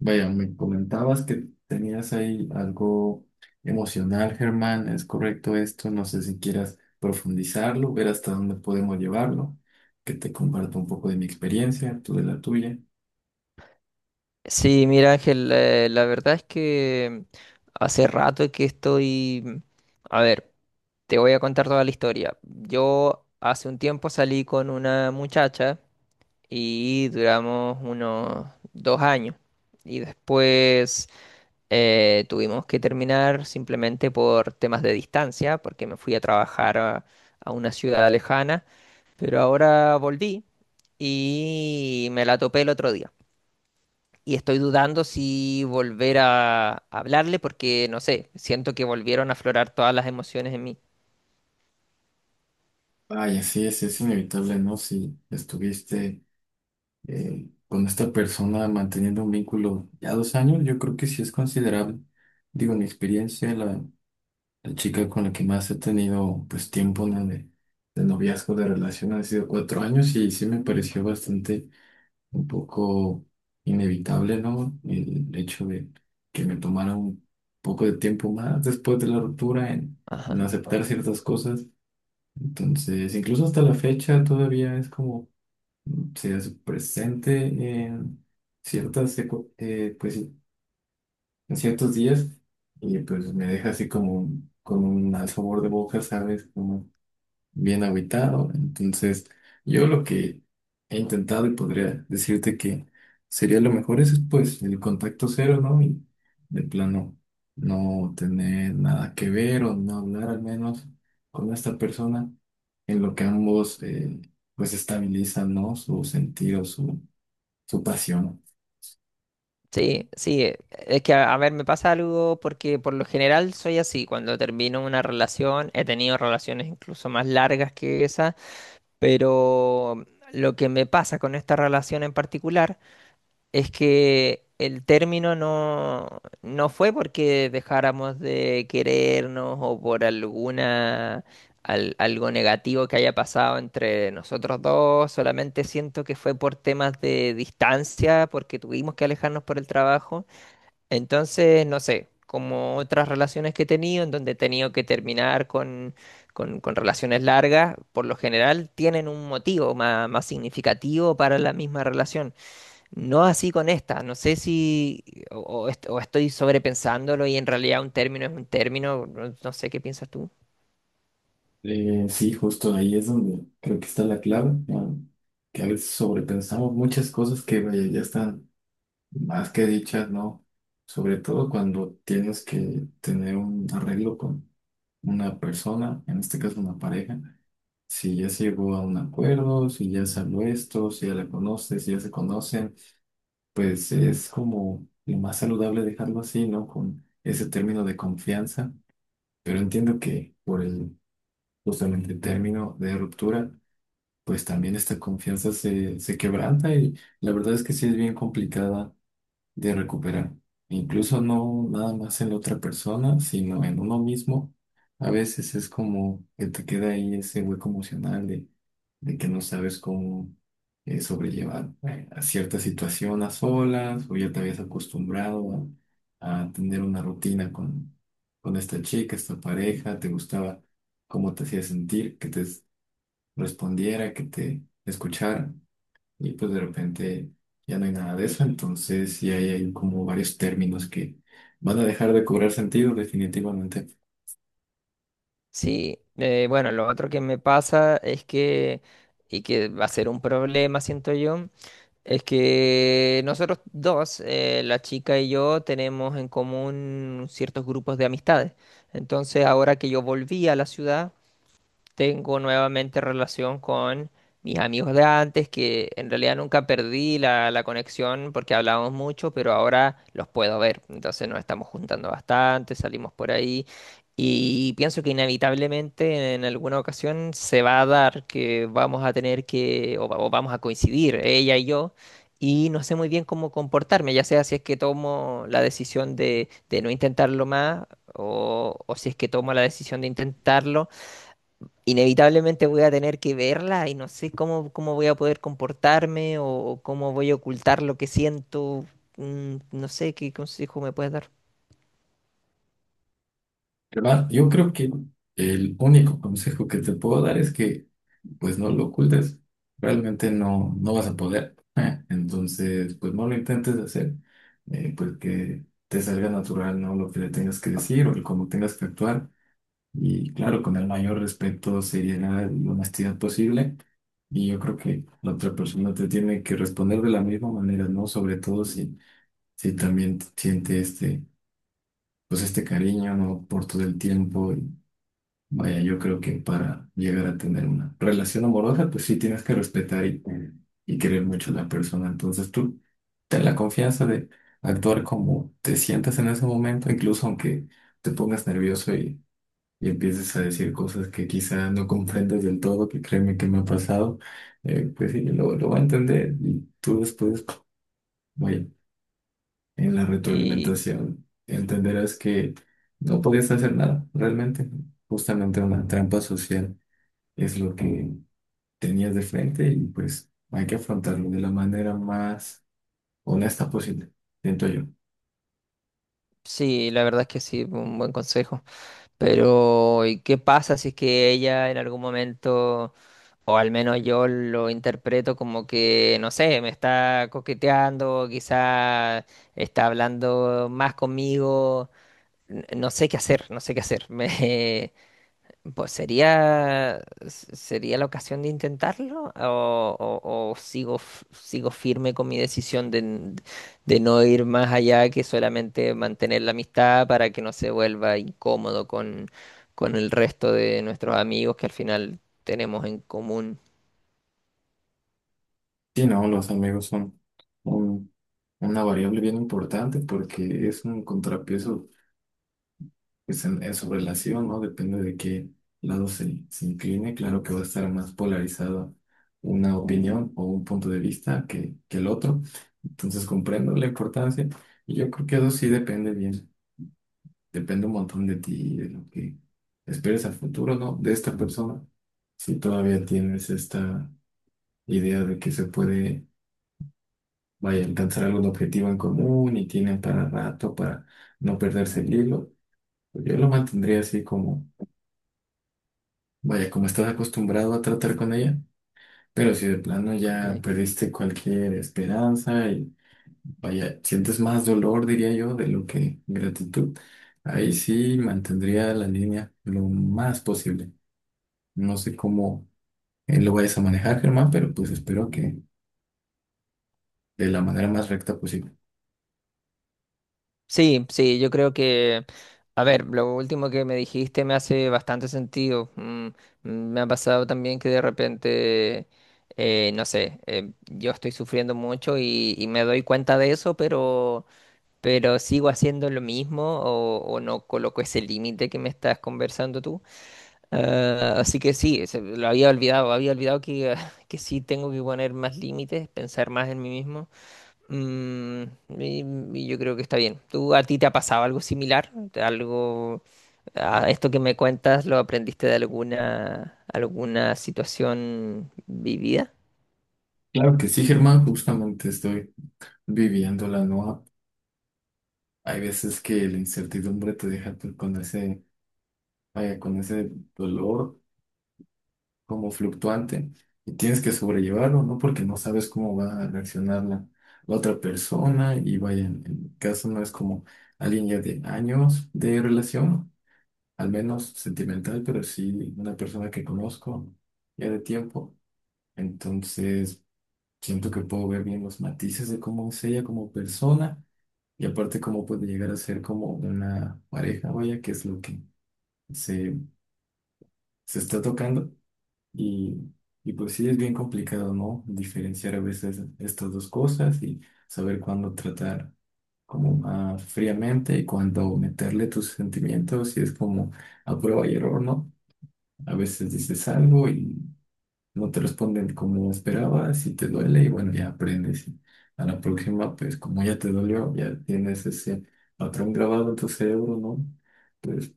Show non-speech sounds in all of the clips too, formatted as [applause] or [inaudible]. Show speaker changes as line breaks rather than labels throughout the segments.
Vaya, me comentabas que tenías ahí algo emocional, Germán. ¿Es correcto esto? No sé si quieras profundizarlo, ver hasta dónde podemos llevarlo, que te comparto un poco de mi experiencia, tú de la tuya.
Sí, mira Ángel, la verdad es que hace rato que estoy. A ver, te voy a contar toda la historia. Yo hace un tiempo salí con una muchacha y duramos unos 2 años. Y después tuvimos que terminar simplemente por temas de distancia, porque me fui a trabajar a una ciudad lejana. Pero ahora volví y me la topé el otro día y estoy dudando si volver a hablarle porque, no sé, siento que volvieron a aflorar todas las emociones en mí.
Vaya, sí, es inevitable, ¿no? Si estuviste con esta persona manteniendo un vínculo ya 2 años, yo creo que sí es considerable. Digo, mi experiencia, la chica con la que más he tenido pues tiempo, ¿no? De noviazgo, de relación, han sido 4 años y sí me pareció bastante un poco inevitable, ¿no? El hecho de que me tomara un poco de tiempo más después de la ruptura en
Ajá.
aceptar ciertas cosas. Entonces, incluso hasta la fecha todavía es como se hace presente en pues sí, en ciertos días y pues me deja así como con un mal sabor de boca, ¿sabes? Bien agüitado. Entonces, yo lo que he intentado y podría decirte que sería lo mejor es pues el contacto cero, ¿no? Y de plano no tener nada que ver o no hablar al menos con esta persona en lo que ambos pues estabilizan, ¿no? Su sentido, su pasión.
Sí, sí, es que a ver, me pasa algo porque por lo general soy así, cuando termino una relación, he tenido relaciones incluso más largas que esa, pero lo que me pasa con esta relación en particular es que el término no fue porque dejáramos de querernos o por alguna algo negativo que haya pasado entre nosotros dos, solamente siento que fue por temas de distancia, porque tuvimos que alejarnos por el trabajo. Entonces, no sé, como otras relaciones que he tenido, en donde he tenido que terminar con relaciones largas, por lo general tienen un motivo más significativo para la misma relación. No así con esta, no sé si o, o estoy sobrepensándolo y en realidad un término es un término, no, no sé qué piensas tú.
Sí, justo ahí es donde creo que está la clave, ¿no? Que a veces sobrepensamos muchas cosas que vaya, ya están más que dichas, ¿no? Sobre todo cuando tienes que tener un arreglo con una persona, en este caso una pareja, si ya se llegó a un acuerdo, si ya salió esto, si ya la conoces, si ya se conocen, pues es como lo más saludable dejarlo así, ¿no? Con ese término de confianza, pero entiendo que por el justamente término de ruptura, pues también esta confianza se quebranta y la verdad es que sí es bien complicada de recuperar. Incluso no nada más en la otra persona, sino en uno mismo. A veces es como que te queda ahí ese hueco emocional de que no sabes cómo sobrellevar a cierta situación a solas, o ya te habías acostumbrado a tener una rutina con esta chica, esta pareja. Te gustaba cómo te hacía sentir, que te respondiera, que te escuchara, y pues de repente ya no hay nada de eso. Entonces sí hay como varios términos que van a dejar de cobrar sentido definitivamente.
Sí, bueno, lo otro que me pasa es que, y que va a ser un problema, siento yo, es que nosotros dos, la chica y yo, tenemos en común ciertos grupos de amistades. Entonces, ahora que yo volví a la ciudad, tengo nuevamente relación con mis amigos de antes, que en realidad nunca perdí la conexión porque hablábamos mucho, pero ahora los puedo ver. Entonces nos estamos juntando bastante, salimos por ahí y pienso que inevitablemente en alguna ocasión se va a dar que vamos a tener o vamos a coincidir, ella y yo. Y no sé muy bien cómo comportarme, ya sea si es que tomo la decisión de no intentarlo más o si es que tomo la decisión de intentarlo, inevitablemente voy a tener que verla y no sé cómo voy a poder comportarme o cómo voy a ocultar lo que siento. No sé qué consejo me puedes dar.
Pero yo creo que el único consejo que te puedo dar es que pues no lo ocultes, realmente no, no vas a poder, ¿eh? Entonces pues no lo intentes hacer, pues que te salga natural, ¿no? Lo que le tengas que decir o el cómo tengas que actuar. Y claro, con el mayor respeto sería la honestidad posible. Y yo creo que la otra persona te tiene que responder de la misma manera, ¿no? Sobre todo si, si también siente este, pues este cariño, ¿no? Por todo el tiempo. Y vaya, yo creo que para llegar a tener una relación amorosa, pues sí tienes que respetar y querer mucho a la persona. Entonces tú ten la confianza de actuar como te sientas en ese momento, incluso aunque te pongas nervioso y empiezas a decir cosas que quizá no comprendas del todo, que créeme que me ha pasado. Pues sí, lo va a entender y tú después, vaya, en la
Y
retroalimentación entenderás que no podías hacer nada, realmente, justamente una trampa social es lo que tenías de frente, y pues hay que afrontarlo de la manera más honesta posible, siento yo.
sí, la verdad es que sí, un buen consejo. Pero, ¿y qué pasa si es que ella en algún momento, o al menos yo lo interpreto como que, no sé, me está coqueteando, quizá está hablando más conmigo? No sé qué hacer, no sé qué hacer. [laughs] Pues sería, sería la ocasión de intentarlo o sigo, sigo firme con mi decisión de, de no ir más allá que solamente mantener la amistad para que no se vuelva incómodo con el resto de nuestros amigos que al final tenemos en común.
Sí, no, los amigos son un- una variable bien importante porque es un contrapeso pues en su relación, ¿no? Depende de qué lado se incline. Claro que va a estar más polarizado una opinión o un punto de vista que el otro. Entonces comprendo la importancia, y yo creo que eso sí depende bien. Depende un montón de ti y de lo que esperes al futuro, ¿no? De esta persona. Si todavía tienes esta idea de que se puede, vaya, alcanzar algún objetivo en común y tienen para rato para no perderse el hilo, pues yo lo mantendría así como vaya, como estás acostumbrado a tratar con ella. Pero si de plano
Ok.
ya perdiste cualquier esperanza y vaya, sientes más dolor, diría yo, de lo que gratitud, ahí sí mantendría la línea lo más posible. No sé cómo lo vayas a manejar, Germán, pero pues espero que de la manera más recta posible.
Sí, sí, yo creo que, a ver, lo último que me dijiste me hace bastante sentido. Me ha pasado también que de repente, no sé, yo estoy sufriendo mucho y me doy cuenta de eso, pero sigo haciendo lo mismo o no coloco ese límite que me estás conversando tú. Ah, así que sí, lo había olvidado que, [laughs] que sí tengo que poner más límites, pensar más en mí mismo. Mm, y- y yo creo que está bien. ¿Tú a ti te ha pasado algo similar? ¿Algo a esto que me cuentas lo aprendiste de alguna alguna situación vivida?
Claro que sí, Germán, justamente estoy viviendo la nueva. Hay veces que la incertidumbre te deja tú con ese, vaya, con ese dolor como fluctuante y tienes que sobrellevarlo, ¿no? Porque no sabes cómo va a reaccionar la otra persona, y vaya, en mi caso no es como alguien ya de años de relación, al menos sentimental, pero sí una persona que conozco ya de tiempo. Entonces siento que puedo ver bien los matices de cómo es ella como persona y aparte cómo puede llegar a ser como una pareja, vaya, que es lo que se, se está tocando. Y, y pues sí, es bien complicado, ¿no? Diferenciar a veces estas dos cosas y saber cuándo tratar como más fríamente y cuándo meterle tus sentimientos, y es como a prueba y error, ¿no? A veces dices algo y no te responden como esperabas y te duele y bueno, ya aprendes. Y a la próxima, pues como ya te dolió, ya tienes ese patrón grabado en tu cerebro, ¿no? Pues,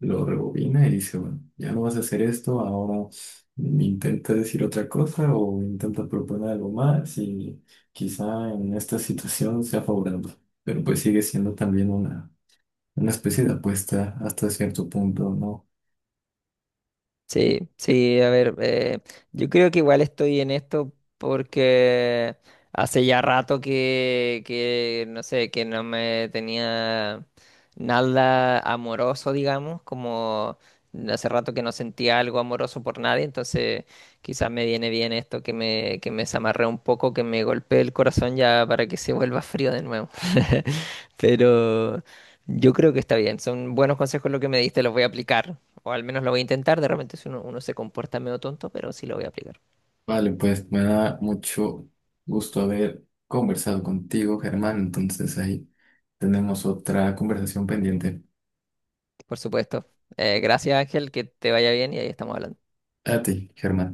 lo rebobina y dice, bueno, ya no vas a hacer esto, ahora intenta decir otra cosa o intenta proponer algo más y quizá en esta situación sea favorable. Pero pues sigue siendo también una especie de apuesta hasta cierto punto, ¿no?
Sí, sí, a ver, yo creo que igual estoy en esto porque hace ya rato no sé, que no me tenía nada amoroso, digamos, como hace rato que no sentía algo amoroso por nadie, entonces quizás me viene bien esto que me desamarré un poco, que me golpee el corazón ya para que se vuelva frío de nuevo. [laughs] Pero yo creo que está bien, son buenos consejos lo que me diste, los voy a aplicar. O al menos lo voy a intentar, de repente si uno se comporta medio tonto, pero sí lo voy a aplicar.
Vale, pues me da mucho gusto haber conversado contigo, Germán. Entonces ahí tenemos otra conversación pendiente.
Por supuesto. Gracias Ángel, que te vaya bien y ahí estamos hablando.
A ti, Germán.